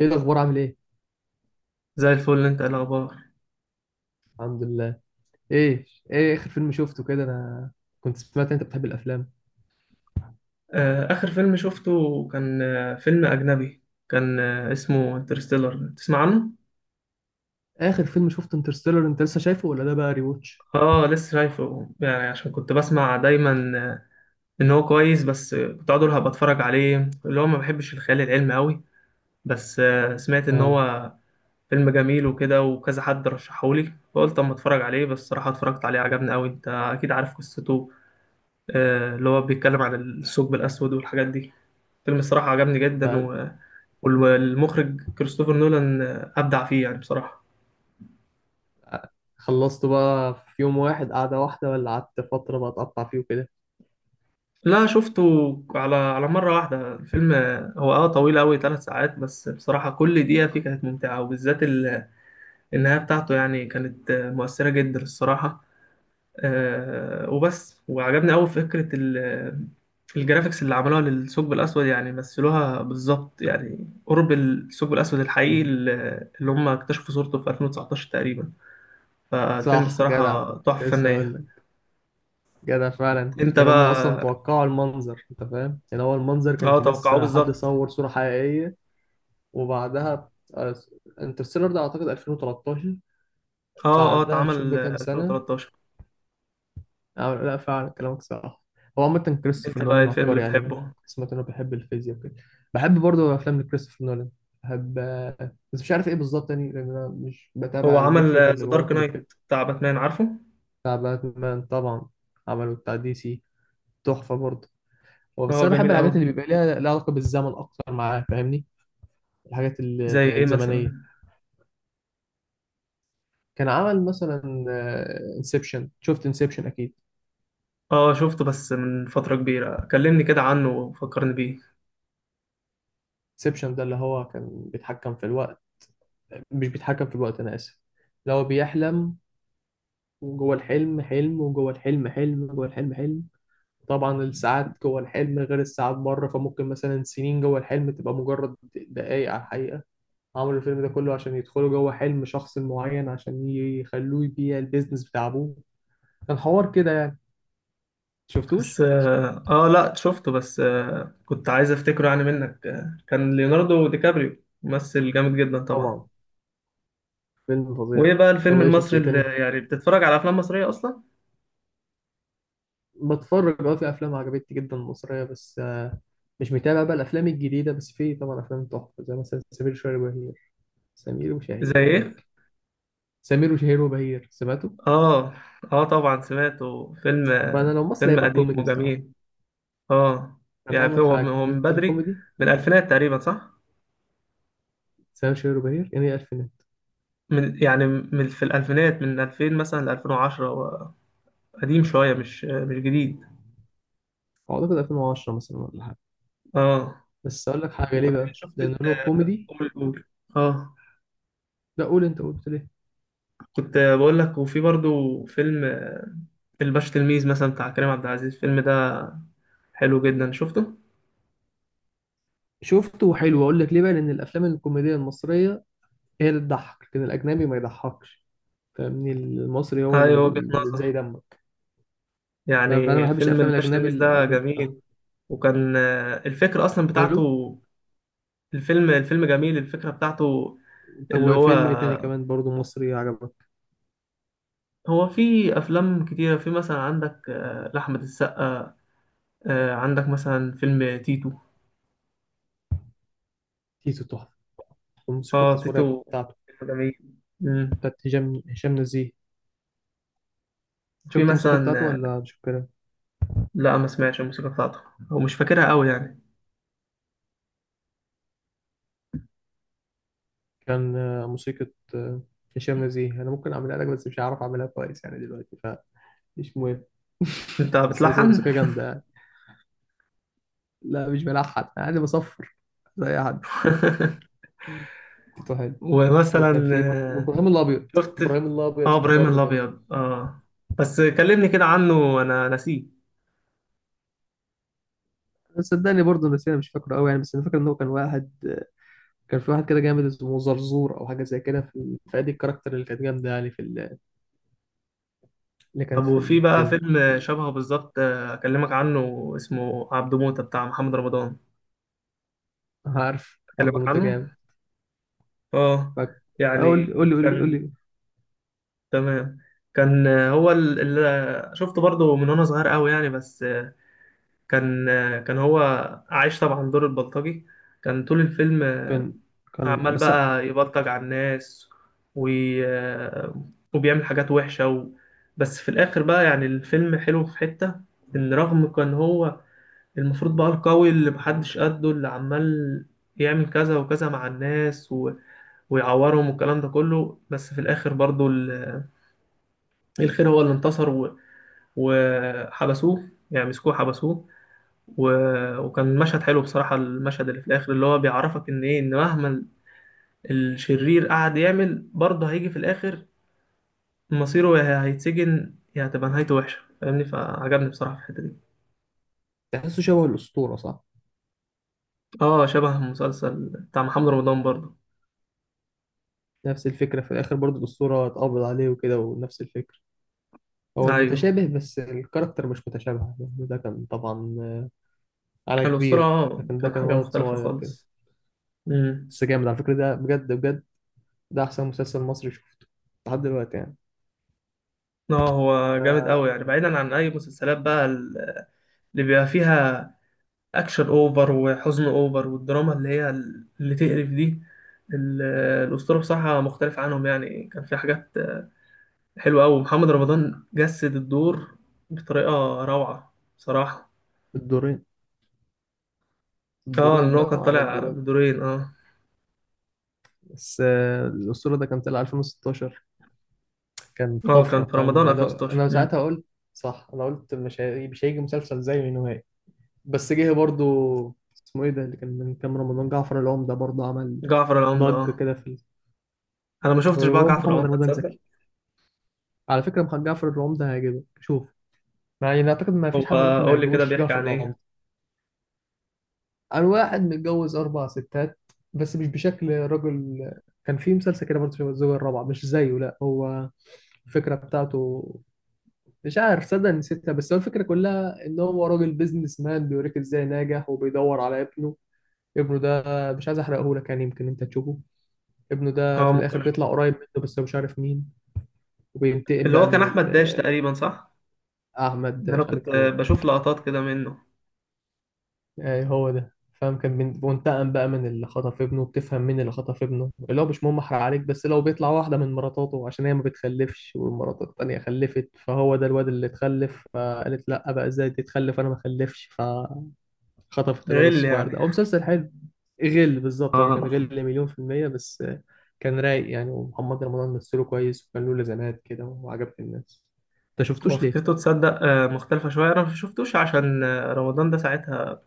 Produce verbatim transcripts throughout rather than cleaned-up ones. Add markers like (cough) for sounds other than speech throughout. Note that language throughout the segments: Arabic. ايه الاخبار، عامل ايه؟ زي الفل، انت ايه الاخبار؟ الحمد لله. ايه؟ ايه اخر فيلم شفته كده انا؟ كنت سمعت إن انت بتحب الافلام. آه، اخر فيلم شفته كان آه، فيلم اجنبي. كان آه، اسمه انترستيلر، تسمع عنه؟ اخر فيلم شفته انترستيلر، انت لسه شايفه ولا ده بقى ريوتش؟ اه لسه شايفه، يعني عشان كنت بسمع دايما آه، ان هو كويس، بس آه، كنت اقعد اقول هبقى اتفرج عليه، اللي هو ما بحبش الخيال العلمي قوي. بس آه، سمعت ان اه. هو فيلم جميل وكده وكذا، حد رشحهولي فقلت اما اتفرج عليه، بس الصراحه اتفرجت عليه عجبني قوي. انت اكيد عارف قصته، آه، اللي هو بيتكلم عن الثقب الاسود والحاجات دي. فيلم الصراحة عجبني جدا آه، و... والمخرج كريستوفر نولان أبدع فيه يعني بصراحة. خلصته بقى في يوم واحد قعده واحده ولا قعدت فتره بقى اتقطع فيه وكده؟ لا، شفته على على مرة واحدة الفيلم. هو اه طويل أوي، ثلاث ساعات، بس بصراحة كل دقيقة فيه كانت ممتعة، وبالذات ال- النهاية بتاعته يعني كانت مؤثرة جدا الصراحة. آه وبس، وعجبني أوي فكرة ال- الجرافيكس اللي عملوها للثقب الأسود، يعني مثلوها بالظبط يعني قرب الثقب الأسود الحقيقي، اللي اللي هم اكتشفوا صورته في ألفين وتسعتاشر تقريبا. فالفيلم صح، جدع. الصراحة كنت تحفة لسه اقول فنية. لك. جدع فعلا، انت يعني هم اصلا بقى. توقعوا المنظر، انت فاهم، يعني هو المنظر اه كانش توقعوه لسه حد بالظبط. صور صوره حقيقيه. وبعدها آه، انترستيلر ده اعتقد ألفين وتلتاشر. اه اه بعدها اتعمل شوف بكام سنه. ألفين وتلتاشر. آه، لا فعلا كلامك صح. هو عامة كريستوفر انت بقى ايه نولان الفيلم اللي عبقري، يعني بتحبه؟ كنت سمعت انه بيحب الفيزياء وكده. بحب برضه افلام لكريستوفر نولان. بحب آه، بس مش عارف ايه بالظبط، يعني لان انا مش هو بتابع عمل المخرج اللي ذا له دارك علاقه نايت بالفيلم. بتاع باتمان، عارفه؟ بتاع باتمان طبعا. عمله بتاع دي سي. تحفة برضه. هو بس اه انا بحب جميل قوي. الحاجات اللي بيبقى ليها لها علاقة بالزمن اكتر معاه، فاهمني. الحاجات ال- زي ايه مثلا؟ الزمنية. كان عمل مثلا انسبشن، شفت انسبشن اكيد. اه شفته بس من فترة كبيرة، كلمني كده عنه وفكرني بيه. انسبشن ده اللي هو كان بيتحكم في الوقت، مش بيتحكم في الوقت، أنا آسف، لو بيحلم وجوه الحلم حلم، وجوه الحلم حلم، جوه الحلم حلم. طبعا الساعات جوه الحلم غير الساعات بره، فممكن مثلا سنين جوه الحلم تبقى مجرد دقايق على الحقيقة. عملوا الفيلم ده كله عشان يدخلوا جوه حلم شخص معين عشان يخلوه يبيع البيزنس بتاع أبوه. كان حوار كده يعني. شفتوش؟ بس اه آه، لا شفته، بس آه كنت عايز افتكره يعني منك. آه، كان ليوناردو دي كابريو ممثل جامد جدا طبعا. طبعا. فيلم فظيع. وايه بقى طب الفيلم ايه شفت المصري ايه اللي، تاني؟ يعني بتتفرج على افلام مصرية اصلا؟ بتفرج اه، في افلام عجبتني جدا مصريه، بس آه، مش متابع بقى الافلام الجديده، بس في طبعا افلام تحفه زي مثلا سمير شهير وبهير، سمير زي وشهير ايه؟ وبهير، سمير وشهير وبهير سمعته. اه. اه طبعا سمعته، فيلم فانا لو مصري فيلم هيبقى قديم كوميدي بصراحه. وجميل. اه. يعني في- افهمك هو من حاجه، هو من انت بدري، الكوميدي. من الألفينات تقريبا، صح؟ سمير وشهير وبهير يعني ايه الفينات؟ من يعني من في الألفينات، من ألفين مثلا ل ألفين وعشرة، هو قديم شوية، مش مش جديد. اعتقد ألفين وعشرة مثلا ولا حاجه. اه. بس اقول لك حاجه ليه بقى، وشفت لان ال- هو كوميدي. قول قول اه، لا قول، انت قلت ليه. كنت بقول لك، وفي برضو فيلم آه، الباشا تلميذ مثلا بتاع كريم عبد العزيز. الفيلم ده حلو جدا، شفته؟ شفته وحلو. اقول لك ليه بقى، لان الافلام الكوميديه المصريه هي اللي تضحك، لكن الاجنبي ما يضحكش، فاهمني. المصري هو ايوه، وجهة اللي زي نظر. دمك، فاهم. فانا ما يعني بحبش فيلم الافلام الباشا الاجنبي تلميذ ده اللي بتاعها. جميل. وكان آه، الفكرة أصلا ماله. بتاعته، الفيلم الفيلم جميل، الفكرة بتاعته. طب اللي هو، وفيلم ايه تاني كمان برضه مصري عجبك؟ هو في أفلام كتيرة. في مثلا عندك آه، لأحمد السقا آه، عندك مثلا فيلم تيتو. تيتو تحفه، والموسيقى اه التصويريه تيتو بتاعته فيلم جميل. مم. بتاعت هشام هشام نزيه. وفي شفت الموسيقى مثلا بتاعته آه، ولا مش فاكرها؟ لا ما سمعتش الموسيقى بتاعته، أو مش فاكرها أوي يعني. كان آه، موسيقى. آه، هشام نزيه، انا ممكن اعملها لك، بس مش هعرف اعملها كويس يعني دلوقتي، فمش مهم. أنت (laughs) بس هو بتلحن؟ موسيقى جامده يعني. لا مش بلحن، انا عادي بصفر زي اي حد. (laughs) تيتو حلو. وكان ومثلا في برضه آه، وابراهيم الابيض. شفت، ابراهيم الابيض اه إبراهيم برضه جامد. الأبيض اه، بس كلمني كده عنه أنا نسيه. صدقني برضه، بس انا مش فاكره قوي يعني، بس انا فاكر ان هو كان واحد، كان في واحد كده جامد اسمه زرزور او حاجه زي كده، في فادي الكاركتر اللي كانت جامده يعني، في ال- اللي كانت طب في وفي بقى الفيلم. فيلم شبهه بالظبط آه، اكلمك عنه، اسمه عبده موتة بتاع محمد رمضان. عارف عبد اكلمك المنتج عنه. جامد. اه فقول، يعني. قول قول لي قول لي قول كان، لي. تمام. كان آه، هو اللي شفته برضه من وانا صغير قوي يعني، بس آه، كان آه، كان هو عايش طبعا دور البلطجي. كان طول الفيلم آه، كان كان عمال بس. بقى يبلطج على الناس وي... آه، وبيعمل حاجات وحشة و... بس في الاخر بقى يعني الفيلم حلو في حتة، ان رغم كان هو المفروض بقى القوي اللي محدش قده، اللي عمال يعمل كذا وكذا مع الناس و... ويعورهم والكلام ده كله، بس في الآخر برضو ال- الخير هو اللي انتصر و... وحبسوه يعني، مسكوه حبسوه و... وكان مشهد حلو بصراحة، المشهد اللي في الآخر اللي هو بيعرفك إن إيه، إن مهما الشرير قعد يعمل، برضه هيجي في الآخر مصيره، يا هيتسجن يا هتبقى نهايته وحشة، فاهمني؟ فعجبني بصراحة في الحتة دي. تحسه شبه الاسطوره صح. اه شبه مسلسل بتاع محمد رمضان برضه. نفس الفكره في الاخر برضه الاسطوره اتقبض عليه وكده، ونفس الفكره. هو ايوه متشابه، بس الكاركتر مش متشابه يعني، ده كان طبعا على الأسطورة، كبير، اه لكن ده كان كان حاجة ولد مختلفة صغير كده. خالص. امم. بس جامد على فكره ده، بجد بجد. ده احسن مسلسل مصري شفته لحد دلوقتي يعني. اه هو جامد أوي يعني، بعيدا عن أي مسلسلات بقى ال- اللي بيبقى فيها أكشن أوفر وحزن أوفر، والدراما اللي هي ال- اللي تقرف دي، ال- الأسطورة بصراحة مختلف عنهم، يعني كان في حاجات حلوة أوي، محمد رمضان جسد الدور بطريقة روعة بصراحة. الدورين، اه الدورين لأن هو بقى كان عمل طالع دورين. بدورين اه. بس آه، الأسطورة ده كان طلع ألفين وستاشر، كان اه كان طفرة في فاهم. رمضان بعدها ألفين وستاشر. أنا امم. ساعتها قلت، صح أنا قلت، مش هي... مش هيجي مسلسل زيه نهائي. بس جه برضو. اسمه إيه ده اللي كان من كام رمضان؟ جعفر العمدة برضو عمل جعفر العمدة ضجة اه، كده. في ال... أنا ما شفتش بقى وهو جعفر محمد العمدة، رمضان تصدق؟ زكي. على فكرة محمد جعفر العمدة هيعجبك، شوف. يعني أنا أعتقد ما هو فيش حد ممكن ما قول لي كده، يعجبوش بيحكي جعفر عن إيه؟ العمدة. أنا واحد متجوز أربع ستات، بس مش بشكل راجل. كان في مسلسل كده برضه شبه الزوجة الرابعة، مش زيه، لا، هو الفكرة بتاعته مش عارف، صدق نسيتها، بس هو الفكرة كلها إن هو راجل بيزنس مان بيوريك إزاي ناجح، وبيدور على ابنه. ابنه ده، مش عايز أحرقه لك يعني، يمكن أنت تشوفه. ابنه ده اه في ممكن. الآخر بيطلع قريب منه، بس هو مش عارف مين. وبينتقم اللي بقى هو كان من احمد داش ال- تقريبا، صح؟ أحمد ان انا مش كنت عارف آه، نور. بشوف لقطات كده منه. يعني هو ده فاهم، كان بين- بينتقم بقى من اللي خطف ابنه، بتفهم مين اللي خطف ابنه، اللي هو مش مهم أحرق عليك، بس لو بيطلع واحدة من مراتاته، عشان هي ما بتخلفش، والمرات التانية خلفت، فهو ده الواد اللي اتخلف، فقالت لأ بقى، إزاي تتخلف أنا ما خلفش، ف خطفت الواد غل الصغير ده. يعني. هو مسلسل حلو. غل بالظبط، هو كان اه غل مليون في المية، بس آه، كان رايق يعني. ومحمد رمضان مثله كويس، وكان له لازمات كده وعجبت الناس. انت هو شفتوش ليه؟ فكرته تصدق آه، مختلفة شوية، انا ما شفتوش عشان آه، رمضان ده ساعتها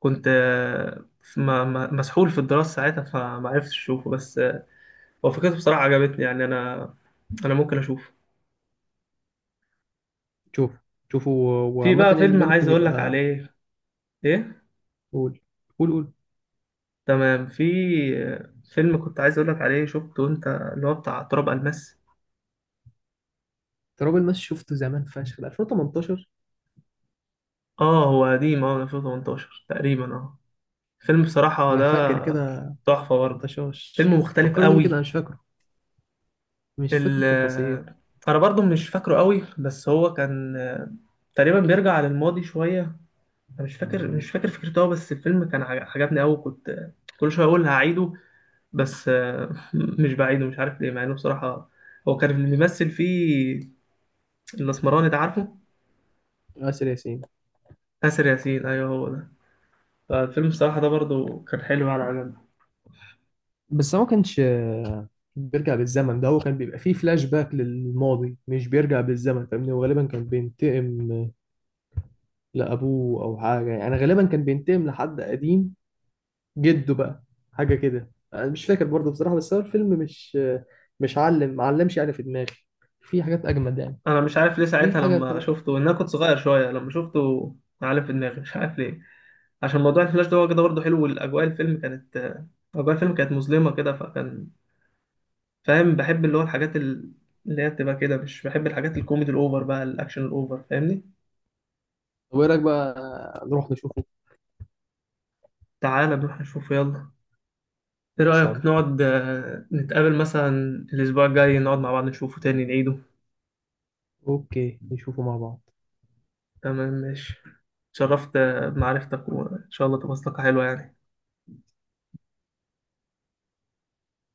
كنت آه، في- ما- ما- مسحول في الدراسة ساعتها فما عرفتش اشوفه، بس آه، هو فكرته بصراحة عجبتني، يعني انا انا ممكن اشوفه. شوف، شوفوا. و- في وعامة بقى يعني فيلم ده عايز ممكن اقول لك يبقى. عليه. ايه؟ قول قول قول. تمام. في آه، فيلم كنت عايز اقول لك عليه، شفته انت، اللي هو بتاع تراب الماس. تراب الماس شفته زمان فشخ، ده ألفين وتمنتاشر. اه هو قديم، اه ألفين وتمنتاشر تقريبا اه. فيلم بصراحة انا ده فاكر كده. تحفة برضه، فيلم طشاش مختلف فكرني بيه كده قوي. انا مش فاكره. مش فاكر ال التفاصيل. أنا برضه مش فاكره قوي، بس هو كان تقريبا بيرجع للماضي شوية، أنا مش فاكر مش فاكر فكرته أوي، بس الفيلم كان عج- عجبني قوي، كنت كل شوية أقول هعيده، بس آه، (laughs) مش بعيده مش عارف ليه، مع إنه بصراحة. هو كان اللي بيمثل فيه الأسمراني ده، عارفه؟ آسر ياسين. آسر ياسين، أيوه هو ده. فالفيلم بصراحة ده برضه كان حلو، يعني عجبني. بس هو ما كانش آه، بيرجع بالزمن، ده هو كان بيبقى فيه فلاش باك للماضي، مش بيرجع بالزمن فاهمني. وغالبا كان بينتقم لأبوه أو حاجة يعني، غالبا كان بينتقم لحد قديم جده بقى، حاجة كده، أنا مش فاكر برضه بصراحة. بس هو الفيلم مش آه، مش علم معلمش يعني في دماغي، في حاجات أجمد يعني. انا مش عارف ليه في ساعتها حاجة لما تلات. شفته، ان انا كنت صغير شويه لما شفته، معلم في دماغي مش عارف ليه، عشان موضوع الفلاش ده هو كده برضه حلو، والاجواء، الفيلم كانت اجواء الفيلم كانت مظلمه كده، فكان فاهم، بحب اللي هو الحاجات ال- اللي هي بتبقى كده، مش بحب الحاجات الكوميدي الاوفر بقى، الاكشن الاوفر، فاهمني؟ طب إيه رأيك بقى نروح نشوفه؟ تعالى نروح نشوفه يلا. ايه رايك خلصان. نقعد آه، نتقابل مثلا الاسبوع الجاي، نقعد مع بعض نشوفه تاني، نعيده. أوكي نشوفه مع بعض. تمام ماشي. اتشرفت آه، بمعرفتك، وان شاء الله تبقى صداقه حلوه يعني.